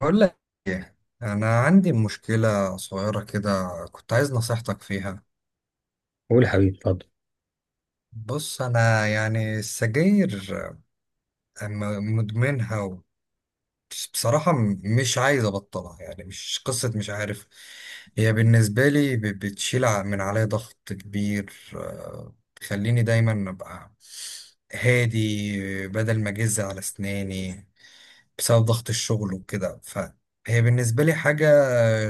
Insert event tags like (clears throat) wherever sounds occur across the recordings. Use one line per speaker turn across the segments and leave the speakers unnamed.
بقول لك، انا عندي مشكله صغيره كده. كنت عايز نصيحتك فيها.
قول حبيبي اتفضل.
بص، انا يعني السجاير مدمنها بصراحه مش عايز ابطلها. يعني مش قصه، مش عارف. هي بالنسبه لي بتشيل من عليا ضغط كبير، آه، تخليني دايما ابقى هادي بدل ما اجز على اسناني بسبب ضغط الشغل وكده. فهي بالنسبة لي حاجة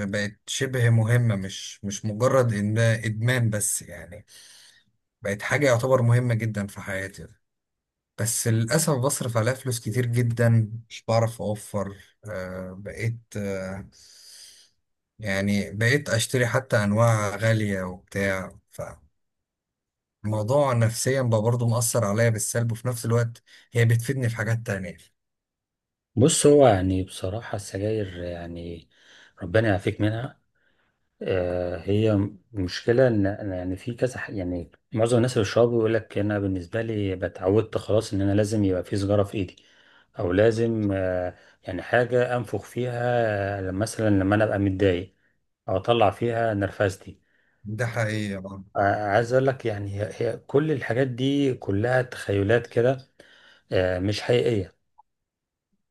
بقت شبه مهمة، مش مجرد إن إدمان بس. يعني بقت حاجة يعتبر مهمة جدا في حياتي. بس للأسف بصرف عليها فلوس كتير جدا، مش بعرف أوفر. آه، بقيت آه، يعني بقيت أشتري حتى أنواع غالية وبتاع. فالموضوع نفسيا بقى برضه مؤثر عليا بالسلب، وفي نفس الوقت هي بتفيدني في حاجات تانية.
بص، هو يعني بصراحة السجاير يعني ربنا يعافيك منها. هي مشكلة إن يعني في كذا يعني معظم الناس اللي بيشربوا يقول لك أنا بالنسبة لي اتعودت خلاص إن أنا لازم يبقى في سيجارة في إيدي، أو لازم يعني حاجة أنفخ فيها مثلا لما أنا أبقى متضايق أو أطلع فيها نرفزتي.
ده حقيقة.
آه، عايز اقول لك يعني هي كل الحاجات دي كلها تخيلات كده. مش حقيقية.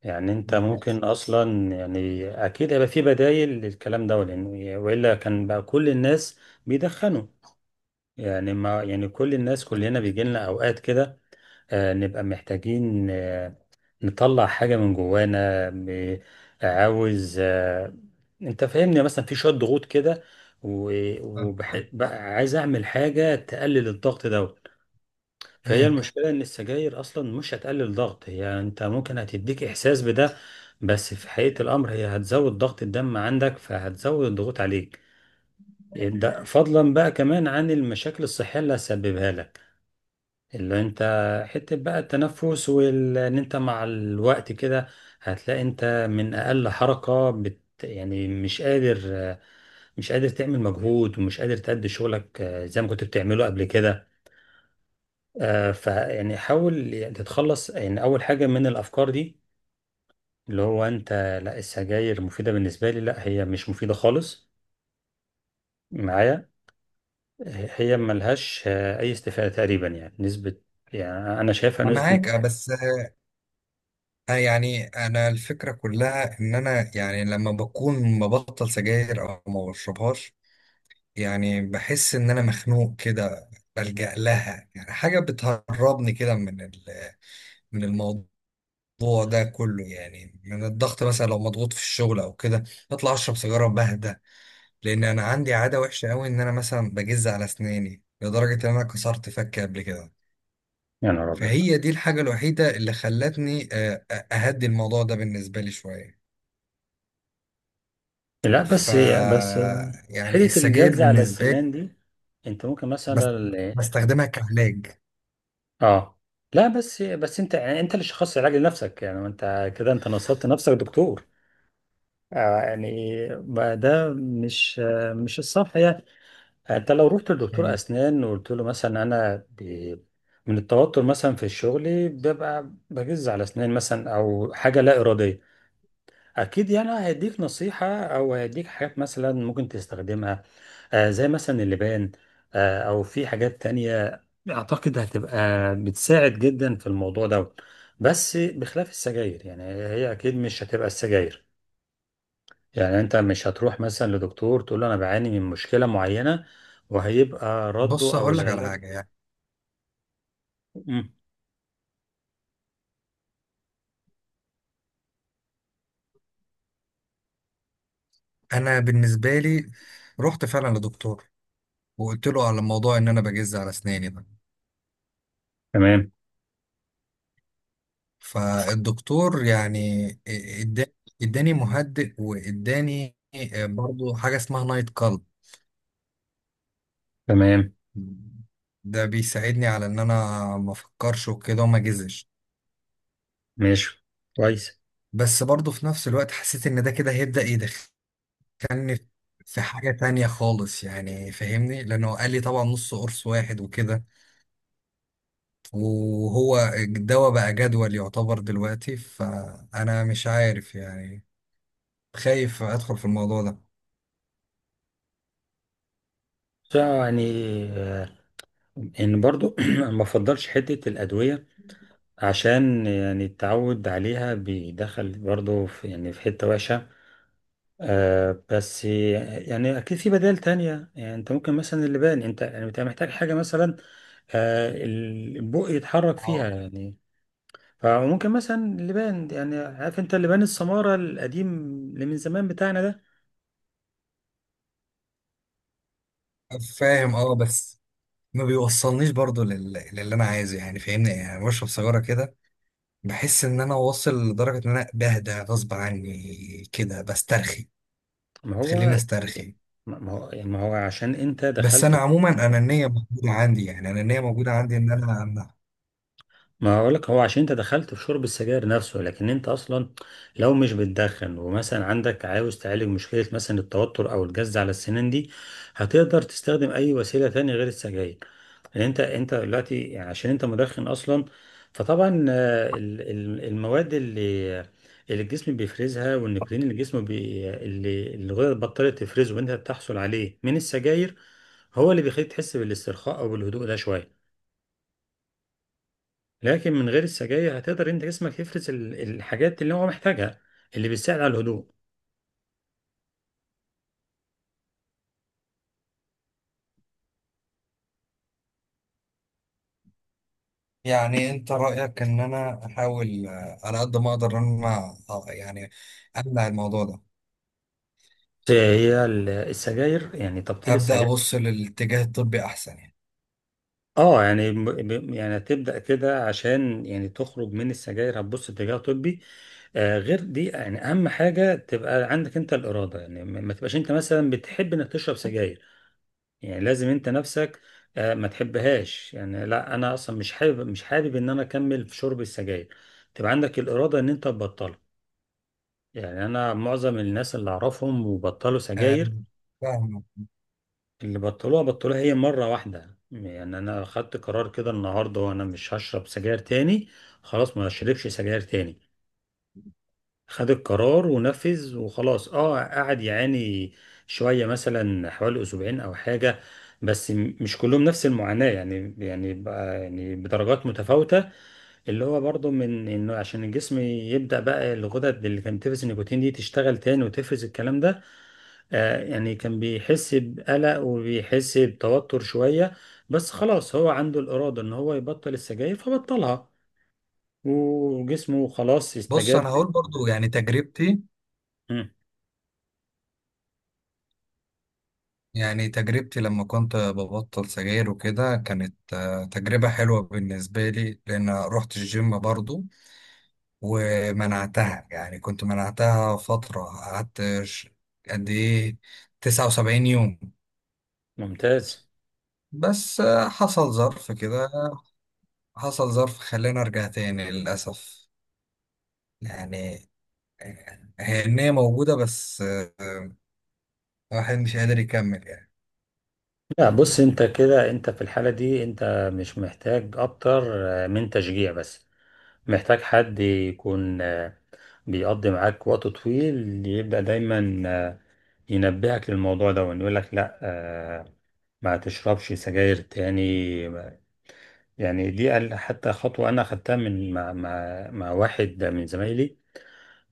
يعني انت ممكن اصلا يعني اكيد هيبقى في بدايل للكلام ده، لان والا كان بقى كل الناس بيدخنوا. يعني ما يعني كل الناس كلنا بيجي لنا اوقات كده نبقى محتاجين، نطلع حاجه من جوانا عاوز آه، انت فاهمني، يعني مثلا في شويه ضغوط كده
بقى
بقى عايز اعمل حاجه تقلل الضغط ده. فهي المشكلة إن السجاير أصلا مش هتقلل ضغط، هي أنت ممكن هتديك إحساس بده، بس في حقيقة الأمر هي هتزود ضغط الدم عندك، فهتزود الضغوط عليك. ده فضلا بقى كمان عن المشاكل الصحية اللي هتسببها لك، اللي أنت حتة بقى التنفس، وإن أنت مع الوقت كده هتلاقي أنت من أقل حركة بت يعني مش قادر، مش قادر تعمل مجهود، ومش قادر تأدي شغلك زي ما كنت بتعمله قبل كده. فيعني حاول تتخلص يعني اول حاجه من الافكار دي، اللي هو انت لا السجاير مفيده بالنسبه لي، لا هي مش مفيده خالص معايا. هي ملهاش اي استفاده تقريبا يعني نسبه، يعني انا شايفها
أنا
نسبه.
معاك، آه، بس آه، يعني انا الفكره كلها ان انا يعني لما بكون مبطل سجاير او ما بشربهاش، يعني بحس ان انا مخنوق كده. بلجأ لها، يعني حاجه بتهربني كده من من الموضوع ده كله. يعني من الضغط، مثلا لو مضغوط في الشغل او كده، بطلع اشرب سيجاره بهدى. لان انا عندي عاده وحشه قوي، ان انا مثلا بجز على اسناني لدرجه ان انا كسرت فكي قبل كده.
يا نهار ابيض.
فهي دي الحاجة الوحيدة اللي خلتني، آه، أهدي الموضوع ده بالنسبة لي شوية.
لا
ف
بس. بس
يعني
حيله
السجاير
الجز على
بالنسبة لي
السنان دي انت ممكن
بس
مثلا
بستخدمها كعلاج.
اه. لا بس، انت يعني انت اللي شخصت العلاج لنفسك، يعني انت كده انت نصبت نفسك دكتور. يعني ما ده مش مش الصح يعني. انت لو رحت لدكتور
مم.
اسنان وقلت له مثلا انا ب... من التوتر مثلا في الشغل ببقى بجز على اسنان مثلا، او حاجه لا اراديه، اكيد يعني هيديك نصيحه او هيديك حاجات مثلا ممكن تستخدمها، زي مثلا اللبان، او في حاجات تانية اعتقد هتبقى بتساعد جدا في الموضوع ده، بس بخلاف السجاير. يعني هي اكيد مش هتبقى السجاير، يعني انت مش هتروح مثلا لدكتور تقول له انا بعاني من مشكلة معينة وهيبقى رده
بص،
او
هقول
خلاص
لك على
العلاج.
حاجة. يعني
مم.
أنا بالنسبة لي رحت فعلا لدكتور وقلت له على موضوع إن أنا بجز على أسناني ده.
تمام.
فالدكتور يعني إدا- إداني مهدئ وإداني، آه، برضو حاجة اسمها نايت كلب.
تمام.
ده بيساعدني على ان انا ما افكرش وكده وما اجزش.
ماشي، كويس.
بس برضه في نفس الوقت حسيت ان ده كده هيبدأ يدخلني في حاجة تانية خالص. يعني فاهمني، لانه قال لي طبعا نص قرص واحد وكده، وهو الدواء بقى جدول يعتبر دلوقتي. فانا مش عارف يعني، خايف ادخل في الموضوع ده.
يعني آه، ان برضو (clears throat) ما بفضلش حتة الأدوية، عشان يعني التعود عليها بيدخل برضو في يعني في حتة وحشة. بس يعني اكيد في بدائل تانية. يعني انت ممكن مثلا اللبان، انت يعني انت محتاج حاجة مثلا البق يتحرك فيها
اه،
يعني. فممكن مثلا اللبان، يعني عارف انت اللبان السمارة القديم اللي من زمان بتاعنا ده.
فاهم، اه، بس ما بيوصلنيش برضه لل... للي انا عايزه. يعني فاهمني، يعني بشرب سيجارة كده بحس ان انا واصل لدرجة ان انا بهدى غصب عني كده، بسترخي،
ما
تخليني
هو
استرخي.
ما هو يعني ما هو عشان انت
بس
دخلت.
انا عموما انانيه موجوده عندي، يعني انانيه موجوده عندي ان انا أمنع.
ما هقولك، هو عشان انت دخلت في شرب السجاير نفسه، لكن انت اصلا لو مش بتدخن ومثلا عندك عاوز تعالج مشكلة مثلا التوتر او الجز على السنان دي، هتقدر تستخدم اي وسيلة تانية غير السجاير. لان انت دلوقتي يعني عشان انت مدخن اصلا، فطبعا المواد اللي اللي الجسم بيفرزها، والنيكوتين اللي الجسم بي اللي اللي الغدد بطلت تفرزه وانت بتحصل عليه من السجاير، هو اللي بيخليك تحس بالاسترخاء او بالهدوء ده شوية. لكن من غير السجاير هتقدر انت جسمك يفرز الحاجات اللي هو محتاجها، اللي بتساعد على الهدوء.
يعني انت رايك ان انا احاول، آه، على قد ما اقدر ان انا، آه، يعني امنع الموضوع ده.
هي السجاير يعني تبطيل
ابدا
السجاير.
ابص للاتجاه الطبي احسن يعني.
اه يعني يعني هتبدأ كده عشان يعني تخرج من السجاير هتبص اتجاه طبي. غير دي يعني اهم حاجة تبقى عندك انت الإرادة. يعني ما تبقاش انت مثلا بتحب انك تشرب سجاير. يعني لازم انت نفسك ما تحبهاش، يعني لا انا اصلا مش حابب، مش حابب ان انا اكمل في شرب السجاير. تبقى عندك الإرادة ان انت تبطلها. يعني انا معظم الناس اللي اعرفهم وبطلوا
آه،
سجاير،
فاهم.
اللي بطلوها بطلوها هي مرة واحدة. يعني انا خدت قرار كده النهاردة، وانا مش هشرب سجاير تاني، خلاص ما اشربش سجاير تاني. خد القرار ونفذ وخلاص. اه قعد يعاني شوية، مثلا حوالي اسبوعين او حاجة، بس مش كلهم نفس المعاناة يعني، يعني بدرجات متفاوتة. اللي هو برضو من انه عشان الجسم يبدأ بقى الغدد اللي كانت بتفرز النيكوتين دي تشتغل تاني وتفرز الكلام ده. يعني كان بيحس بقلق وبيحس بتوتر شوية، بس خلاص هو عنده الإرادة ان هو يبطل السجاير فبطلها، وجسمه خلاص
بص،
استجاب.
انا هقول برضو يعني تجربتي.
مم،
يعني تجربتي لما كنت ببطل سجاير وكده كانت، آه، تجربه حلوه بالنسبه لي، لان رحت الجيم برضو ومنعتها. يعني كنت منعتها فترة، قعدت قد إيه، 79 يوم.
ممتاز.
بس آه، حصل ظرف كده، حصل ظرف خلاني أرجع تاني للأسف. يعني آه، هي النية موجودة، بس آه، الواحد مش قادر يكمل يعني.
لا بص، انت كده انت في الحالة دي انت مش محتاج اكتر من تشجيع بس. محتاج حد يكون بيقضي معاك وقت طويل، يبدأ دايما ينبهك للموضوع ده ويقول لك لا ما تشربش سجاير تاني يعني دي حتى خطوة أنا أخدتها من مع واحد من زمايلي.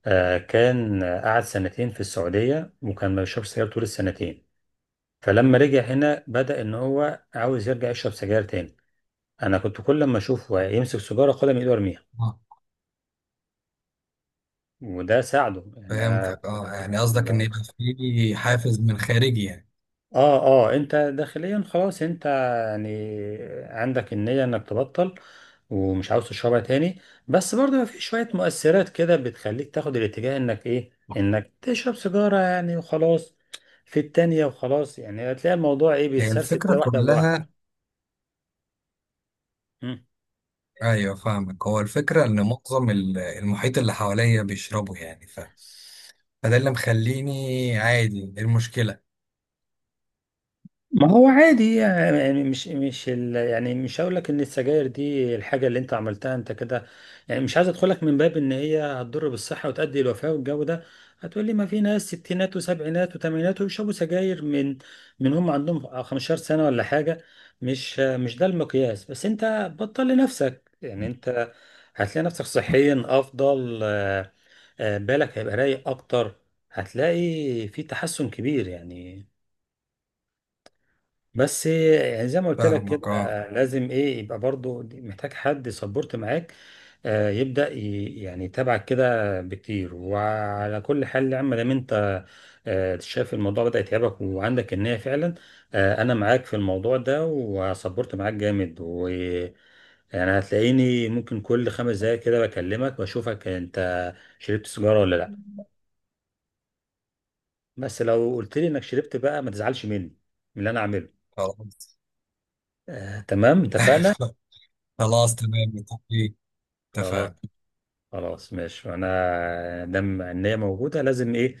كان قعد سنتين في السعودية، وكان ما بيشربش سجاير طول السنتين. فلما رجع هنا بدأ إن هو عاوز يرجع يشرب سجاير تاني. أنا كنت كل ما أشوفه يمسك سيجارة خدها من إيده وأرميها،
آه.
وده ساعده. يعني أنا
فهمتك، اه، يعني
آه،
قصدك إن يبقى في حافز من خارجي يعني.
اه. اه انت داخليا خلاص انت يعني عندك النية انك تبطل ومش عاوز تشربها تاني، بس برضه في شوية مؤثرات كده بتخليك تاخد الاتجاه انك ايه انك تشرب سيجارة يعني وخلاص، في التانية وخلاص. يعني هتلاقي الموضوع ايه
هي
بيتسرسل
الفكرة
كده واحدة بواحدة.
كلها، ايوه، فاهمك. هو الفكره ان معظم المحيط اللي حواليا بيشربوا يعني ف... فده اللي مخليني عادي. إيه المشكله؟
ما هو عادي يعني، مش يعني مش هقول لك ان السجاير دي الحاجه اللي انت عملتها انت كده. يعني مش عايز ادخلك من باب ان هي هتضر بالصحه وتؤدي الوفاه والجو ده. هتقول لي ما في ناس ستينات وسبعينات وثمانينات ويشربوا سجاير من من هم عندهم 15 سنه ولا حاجه. مش ده المقياس. بس انت بطل لنفسك. يعني انت هتلاقي نفسك صحيا افضل، بالك هيبقى رايق اكتر، هتلاقي في تحسن كبير يعني. بس يعني زي ما قلت لك كده
فاهمك، اه.
لازم ايه يبقى برضو محتاج حد سبورت معاك، يبدأ يعني يتابعك كده بكتير. وعلى كل حال يا عم، دام انت شايف الموضوع بدأ يتعبك وعندك النية فعلا، انا معاك في الموضوع ده، وسبورت معاك جامد، و يعني هتلاقيني ممكن كل 5 دقايق كده بكلمك واشوفك انت شربت سيجارة ولا لا. بس لو قلت لي انك شربت بقى ما تزعلش مني من اللي انا عامله.
خلاص.
تمام، اتفقنا.
(laughs) خلاص تمام، متفقين.
خلاص.
اتفقنا.
خلاص ماشي، انا دام ان هي موجوده لازم ايه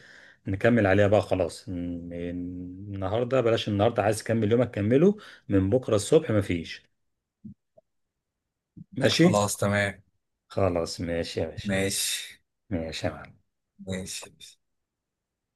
نكمل عليها بقى. خلاص النهارده بلاش، النهارده عايز تكمل يومك كمله، من بكره الصبح مفيش. ماشي.
خلاص تمام.
خلاص ماشي يا باشا.
ماشي.
ماشي يا معلم.
ماشي.